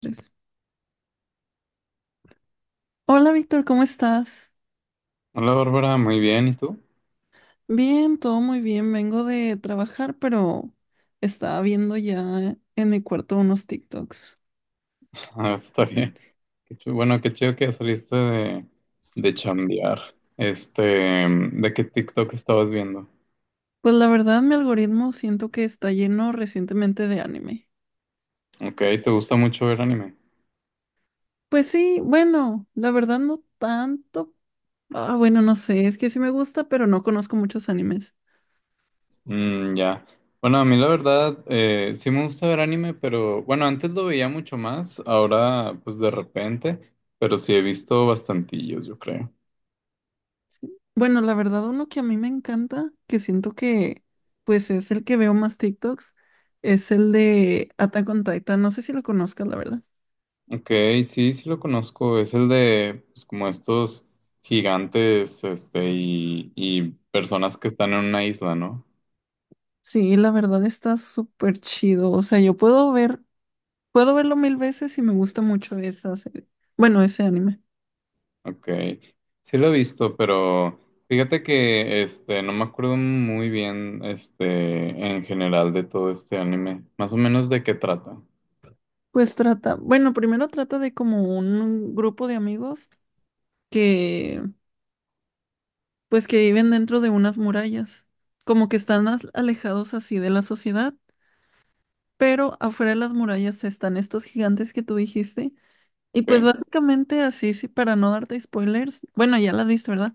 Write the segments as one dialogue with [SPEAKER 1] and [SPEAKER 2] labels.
[SPEAKER 1] Tres. Hola Víctor, ¿cómo estás?
[SPEAKER 2] Hola Bárbara, muy bien, ¿y tú?
[SPEAKER 1] Bien, todo muy bien. Vengo de trabajar, pero estaba viendo ya en mi cuarto unos TikToks.
[SPEAKER 2] Ah, está bien. Bueno, qué chido que ya saliste de chambear. ¿De qué TikTok estabas viendo?
[SPEAKER 1] Pues la verdad, mi algoritmo siento que está lleno recientemente de anime.
[SPEAKER 2] Ok, ¿te gusta mucho ver anime?
[SPEAKER 1] Pues sí, bueno, la verdad no tanto. Ah, bueno, no sé, es que sí me gusta, pero no conozco muchos animes.
[SPEAKER 2] Mm, ya. Bueno, a mí la verdad, sí me gusta ver anime, pero bueno, antes lo veía mucho más, ahora pues de repente, pero sí he visto bastantillos, yo creo.
[SPEAKER 1] Bueno, la verdad, uno que a mí me encanta, que siento que pues es el que veo más TikToks, es el de Attack on Titan. No sé si lo conozcas, la verdad.
[SPEAKER 2] Ok, sí lo conozco. Es el de, pues, como estos gigantes, y personas que están en una isla, ¿no?
[SPEAKER 1] Sí, la verdad está súper chido. O sea, yo puedo ver, puedo verlo mil veces y me gusta mucho esa serie. Bueno, ese anime.
[SPEAKER 2] Ok, sí lo he visto, pero fíjate que, no me acuerdo muy bien, en general de todo este anime. Más o menos de qué trata,
[SPEAKER 1] Pues trata, bueno, primero trata de como un grupo de amigos que, pues que viven dentro de unas murallas, como que están alejados así de la sociedad, pero afuera de las murallas están estos gigantes que tú dijiste. Y
[SPEAKER 2] ¿ok?
[SPEAKER 1] pues básicamente así, sí, para no darte spoilers, bueno, ya las viste, ¿verdad?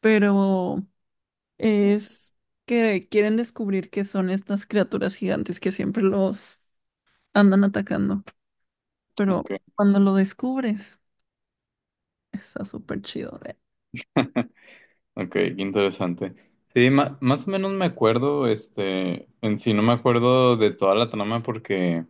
[SPEAKER 1] Pero
[SPEAKER 2] Sí,
[SPEAKER 1] es que quieren descubrir qué son estas criaturas gigantes que siempre los andan atacando. Pero
[SPEAKER 2] ok.
[SPEAKER 1] cuando lo descubres, está súper chido.
[SPEAKER 2] Ok, qué interesante. Sí, más o menos me acuerdo, en sí no me acuerdo de toda la trama porque,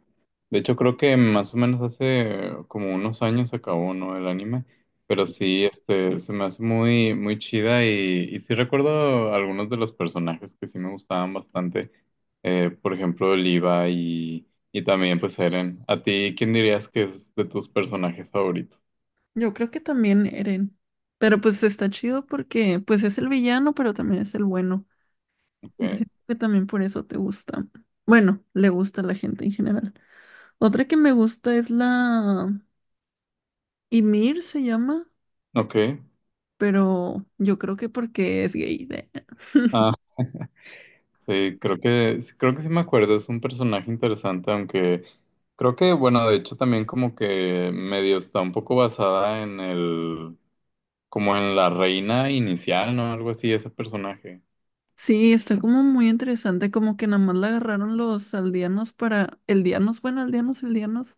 [SPEAKER 2] de hecho creo que más o menos hace como unos años acabó, ¿no? El anime, pero sí, se me hace muy chida y sí recuerdo algunos de los personajes que sí me gustaban bastante, por ejemplo, Oliva y también pues Eren. ¿A ti quién dirías que es de tus personajes favoritos?
[SPEAKER 1] Yo creo que también Eren. Pero pues está chido porque pues es el villano, pero también es el bueno. Yo
[SPEAKER 2] Ok,
[SPEAKER 1] siento que también por eso te gusta. Bueno, le gusta a la gente en general. Otra que me gusta es la Ymir se llama,
[SPEAKER 2] ok.
[SPEAKER 1] pero yo creo que porque es gay.
[SPEAKER 2] Sí, creo que sí me acuerdo, es un personaje interesante, aunque creo que, bueno, de hecho también como que medio está un poco basada en el, como en la reina inicial, ¿no? Algo así, ese personaje.
[SPEAKER 1] Sí, está como muy interesante, como que nada más la agarraron los aldeanos para, eldianos, bueno, aldeanos, eldianos,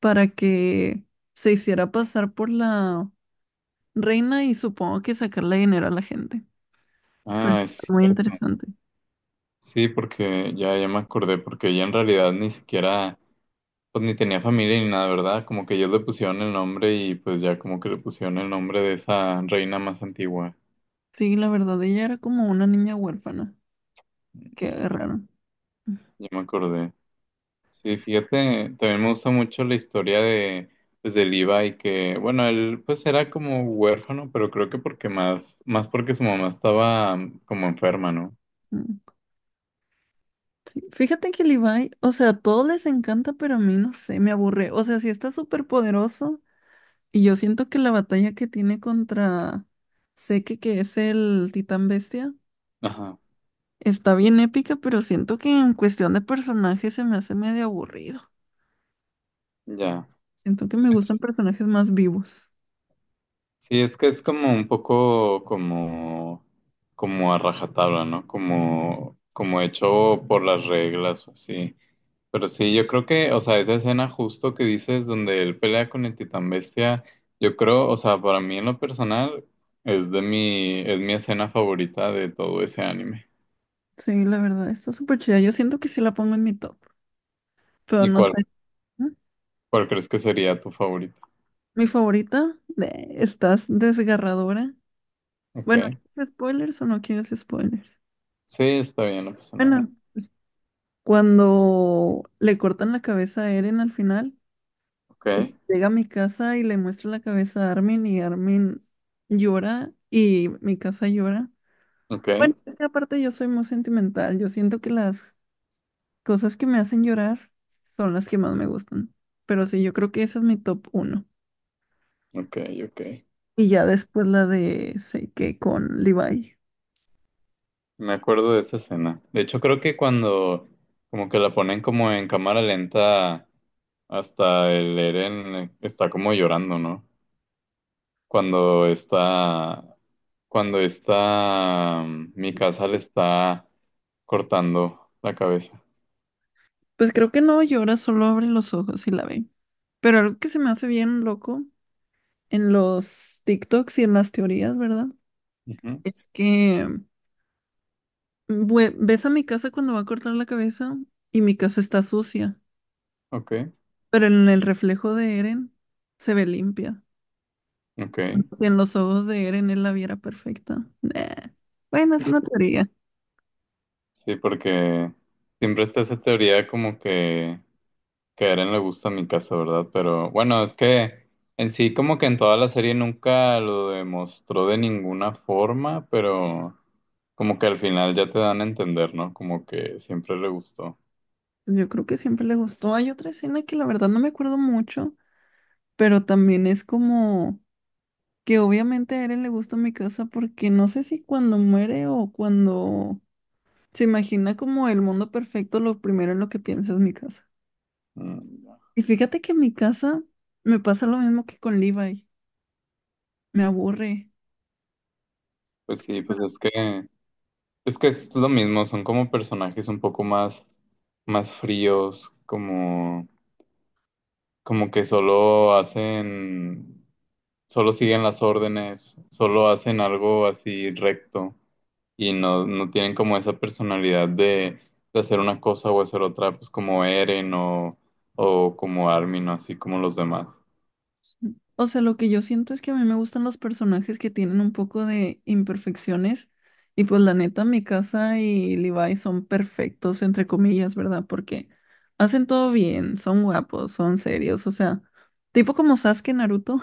[SPEAKER 1] para que se hiciera pasar por la reina y supongo que sacarle dinero a la gente. Pero
[SPEAKER 2] Ah,
[SPEAKER 1] está
[SPEAKER 2] es
[SPEAKER 1] muy
[SPEAKER 2] cierto.
[SPEAKER 1] interesante.
[SPEAKER 2] Sí, porque ya me acordé, porque ella en realidad ni siquiera, pues ni tenía familia ni nada, ¿verdad? Como que ellos le pusieron el nombre y pues ya como que le pusieron el nombre de esa reina más antigua.
[SPEAKER 1] Sí, la verdad, ella era como una niña huérfana
[SPEAKER 2] Mm,
[SPEAKER 1] que
[SPEAKER 2] ya,
[SPEAKER 1] agarraron.
[SPEAKER 2] ya me acordé. Sí, fíjate, también me gusta mucho la historia de, pues, de Levi, que, bueno, él pues era como huérfano, pero creo que porque más porque su mamá estaba como enferma, ¿no?
[SPEAKER 1] Ujú. Sí, fíjate que Levi, o sea, a todos les encanta, pero a mí no sé, me aburre. O sea, sí está súper poderoso, y yo siento que la batalla que tiene contra Seke, que es el titán bestia,
[SPEAKER 2] Ajá,
[SPEAKER 1] está bien épica, pero siento que en cuestión de personajes se me hace medio aburrido.
[SPEAKER 2] ya.
[SPEAKER 1] Siento que me gustan personajes más vivos.
[SPEAKER 2] Sí, es que es como un poco como, como a rajatabla, ¿no? Como hecho por las reglas o así. Pero sí, yo creo que, o sea, esa escena justo que dices donde él pelea con el Titán Bestia, yo creo, o sea, para mí en lo personal es es mi escena favorita de todo ese anime.
[SPEAKER 1] Sí, la verdad, está súper chida. Yo siento que sí la pongo en mi top, pero
[SPEAKER 2] ¿Y
[SPEAKER 1] no
[SPEAKER 2] cuál,
[SPEAKER 1] sé. ¿Mm?
[SPEAKER 2] ¿cuál crees que sería tu favorita?
[SPEAKER 1] Mi favorita, estás desgarradora.
[SPEAKER 2] Ok.
[SPEAKER 1] Bueno, ¿quieres spoilers o no quieres spoilers?
[SPEAKER 2] Sí, está bien, no pasa nada.
[SPEAKER 1] Bueno, pues, cuando le cortan la cabeza a Eren al final. Y
[SPEAKER 2] Ok,
[SPEAKER 1] llega a mi casa y le muestra la cabeza a Armin y Armin llora y mi casa llora. Bueno,
[SPEAKER 2] ok,
[SPEAKER 1] es que aparte yo soy muy sentimental. Yo siento que las cosas que me hacen llorar son las que más me gustan. Pero sí, yo creo que esa es mi top uno.
[SPEAKER 2] ok, ok.
[SPEAKER 1] Y ya después la de que con Levi.
[SPEAKER 2] Me acuerdo de esa escena. De hecho, creo que cuando como que la ponen como en cámara lenta hasta el Eren está como llorando, ¿no? cuando está, cuando está, mi casa le está cortando la cabeza.
[SPEAKER 1] Pues creo que no llora, solo abre los ojos y la ve. Pero algo que se me hace bien loco en los TikToks y en las teorías, ¿verdad?
[SPEAKER 2] Ujú,
[SPEAKER 1] Es que ves a mi casa cuando va a cortar la cabeza y mi casa está sucia,
[SPEAKER 2] Ok,
[SPEAKER 1] pero en el reflejo de Eren se ve limpia.
[SPEAKER 2] ok.
[SPEAKER 1] Si en los ojos de Eren él la viera perfecta. Nah. Bueno, es una teoría.
[SPEAKER 2] Sí, porque siempre está esa teoría como que a Eren le gusta mi casa, ¿verdad? Pero bueno, es que en sí como que en toda la serie nunca lo demostró de ninguna forma, pero como que al final ya te dan a entender, ¿no? Como que siempre le gustó.
[SPEAKER 1] Yo creo que siempre le gustó. Hay otra escena que la verdad no me acuerdo mucho, pero también es como que obviamente a Eren le gusta mi casa porque no sé si cuando muere o cuando se imagina como el mundo perfecto, lo primero en lo que piensa es mi casa.
[SPEAKER 2] Mm, ya.
[SPEAKER 1] Y fíjate que en mi casa me pasa lo mismo que con Levi, me aburre.
[SPEAKER 2] Pues sí, pues es que... Es que es lo mismo, son como personajes un poco más, más fríos, como, como que solo hacen, solo siguen las órdenes, solo hacen algo así recto y no, no tienen como esa personalidad de hacer una cosa o hacer otra, pues como Eren o como Armin, o así como los demás.
[SPEAKER 1] O sea, lo que yo siento es que a mí me gustan los personajes que tienen un poco de imperfecciones y pues la neta mi casa y Levi son perfectos, entre comillas, ¿verdad? Porque hacen todo bien, son guapos, son serios, o sea, tipo como Sasuke en Naruto,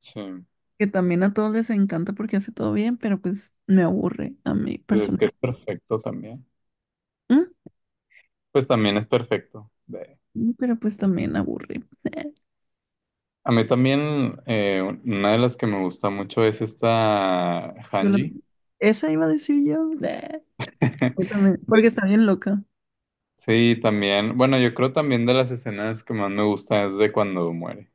[SPEAKER 2] Sí,
[SPEAKER 1] que también a todos les encanta porque hace todo bien, pero pues me aburre a mí
[SPEAKER 2] pues es que
[SPEAKER 1] personal.
[SPEAKER 2] es perfecto también.
[SPEAKER 1] ¿Mm?
[SPEAKER 2] Pues también es perfecto.
[SPEAKER 1] Pero pues también aburre.
[SPEAKER 2] A mí también una de las que me gusta mucho es esta
[SPEAKER 1] Yo lo-
[SPEAKER 2] Hanji.
[SPEAKER 1] Esa iba a decir yo. Yo también, porque está bien loca.
[SPEAKER 2] Sí, también, bueno, yo creo también de las escenas que más me gusta es de cuando muere.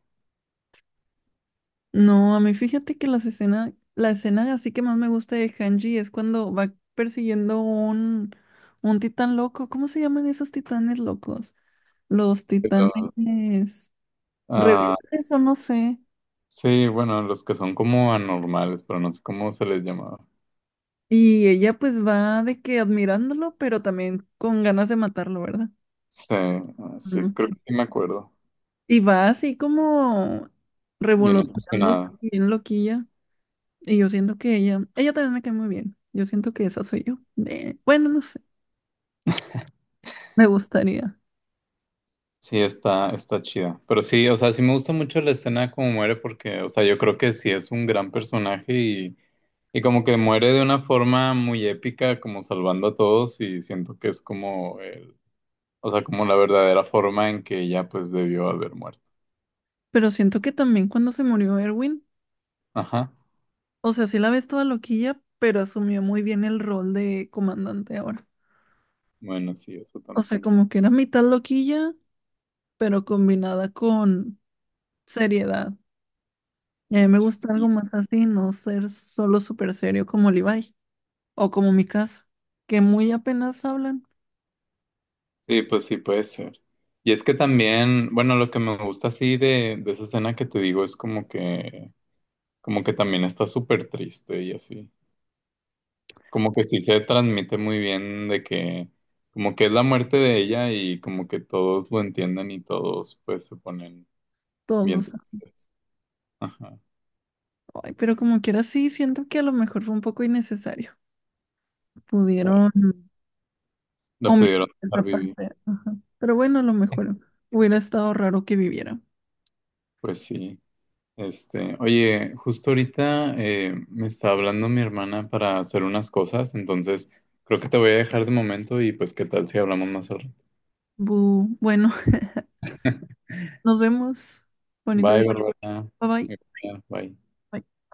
[SPEAKER 1] No, a mí fíjate que la escena así que más me gusta de Hanji es cuando va persiguiendo un titán loco. ¿Cómo se llaman esos titanes locos? Los
[SPEAKER 2] Pero,
[SPEAKER 1] titanes
[SPEAKER 2] ah,
[SPEAKER 1] rebeldes o no sé.
[SPEAKER 2] sí, bueno, los que son como anormales, pero no sé cómo se les llamaba.
[SPEAKER 1] Y ella pues va de que admirándolo, pero también con ganas de matarlo, ¿verdad?
[SPEAKER 2] Sí, sí, creo
[SPEAKER 1] Ujú.
[SPEAKER 2] que sí me acuerdo.
[SPEAKER 1] Y va así como
[SPEAKER 2] Bien
[SPEAKER 1] revoloteando
[SPEAKER 2] emocionada.
[SPEAKER 1] bien loquilla. Y yo siento que ella también me cae muy bien. Yo siento que esa soy yo. Bueno, no sé, me gustaría.
[SPEAKER 2] Sí, está chida. Pero sí, o sea, sí me gusta mucho la escena como muere porque, o sea, yo creo que sí es un gran personaje y como que muere de una forma muy épica, como salvando a todos y siento que es como o sea, como la verdadera forma en que ella pues debió haber muerto.
[SPEAKER 1] Pero siento que también cuando se murió Erwin,
[SPEAKER 2] Ajá.
[SPEAKER 1] o sea, sí la ves toda loquilla, pero asumió muy bien el rol de comandante ahora.
[SPEAKER 2] Bueno, sí, eso
[SPEAKER 1] O
[SPEAKER 2] también.
[SPEAKER 1] sea, como que era mitad loquilla, pero combinada con seriedad. Y a mí me gusta algo más así, no ser solo súper serio como Levi o como mi casa, que muy apenas hablan
[SPEAKER 2] Sí, pues sí puede ser. Y es que también, bueno, lo que me gusta así de esa escena que te digo es como que también está súper triste y así. Como que sí se transmite muy bien de que como que es la muerte de ella y como que todos lo entienden y todos pues se ponen
[SPEAKER 1] todos
[SPEAKER 2] bien
[SPEAKER 1] los...
[SPEAKER 2] tristes. Ajá.
[SPEAKER 1] Ay, pero como quiera sí, siento que a lo mejor fue un poco innecesario.
[SPEAKER 2] Está,
[SPEAKER 1] Pudieron
[SPEAKER 2] la
[SPEAKER 1] omitir
[SPEAKER 2] pudieron
[SPEAKER 1] esa
[SPEAKER 2] dejar vivir.
[SPEAKER 1] parte. Ajá. Pero bueno, a lo mejor hubiera estado raro que viviera.
[SPEAKER 2] Pues sí. Oye, justo ahorita me está hablando mi hermana para hacer unas cosas, entonces creo que te voy a dejar de momento y pues qué tal si hablamos más al rato.
[SPEAKER 1] Bueno, nos vemos. Bonito
[SPEAKER 2] Bye,
[SPEAKER 1] día.
[SPEAKER 2] Bárbara.
[SPEAKER 1] Bye bye.
[SPEAKER 2] Bye.
[SPEAKER 1] Bye.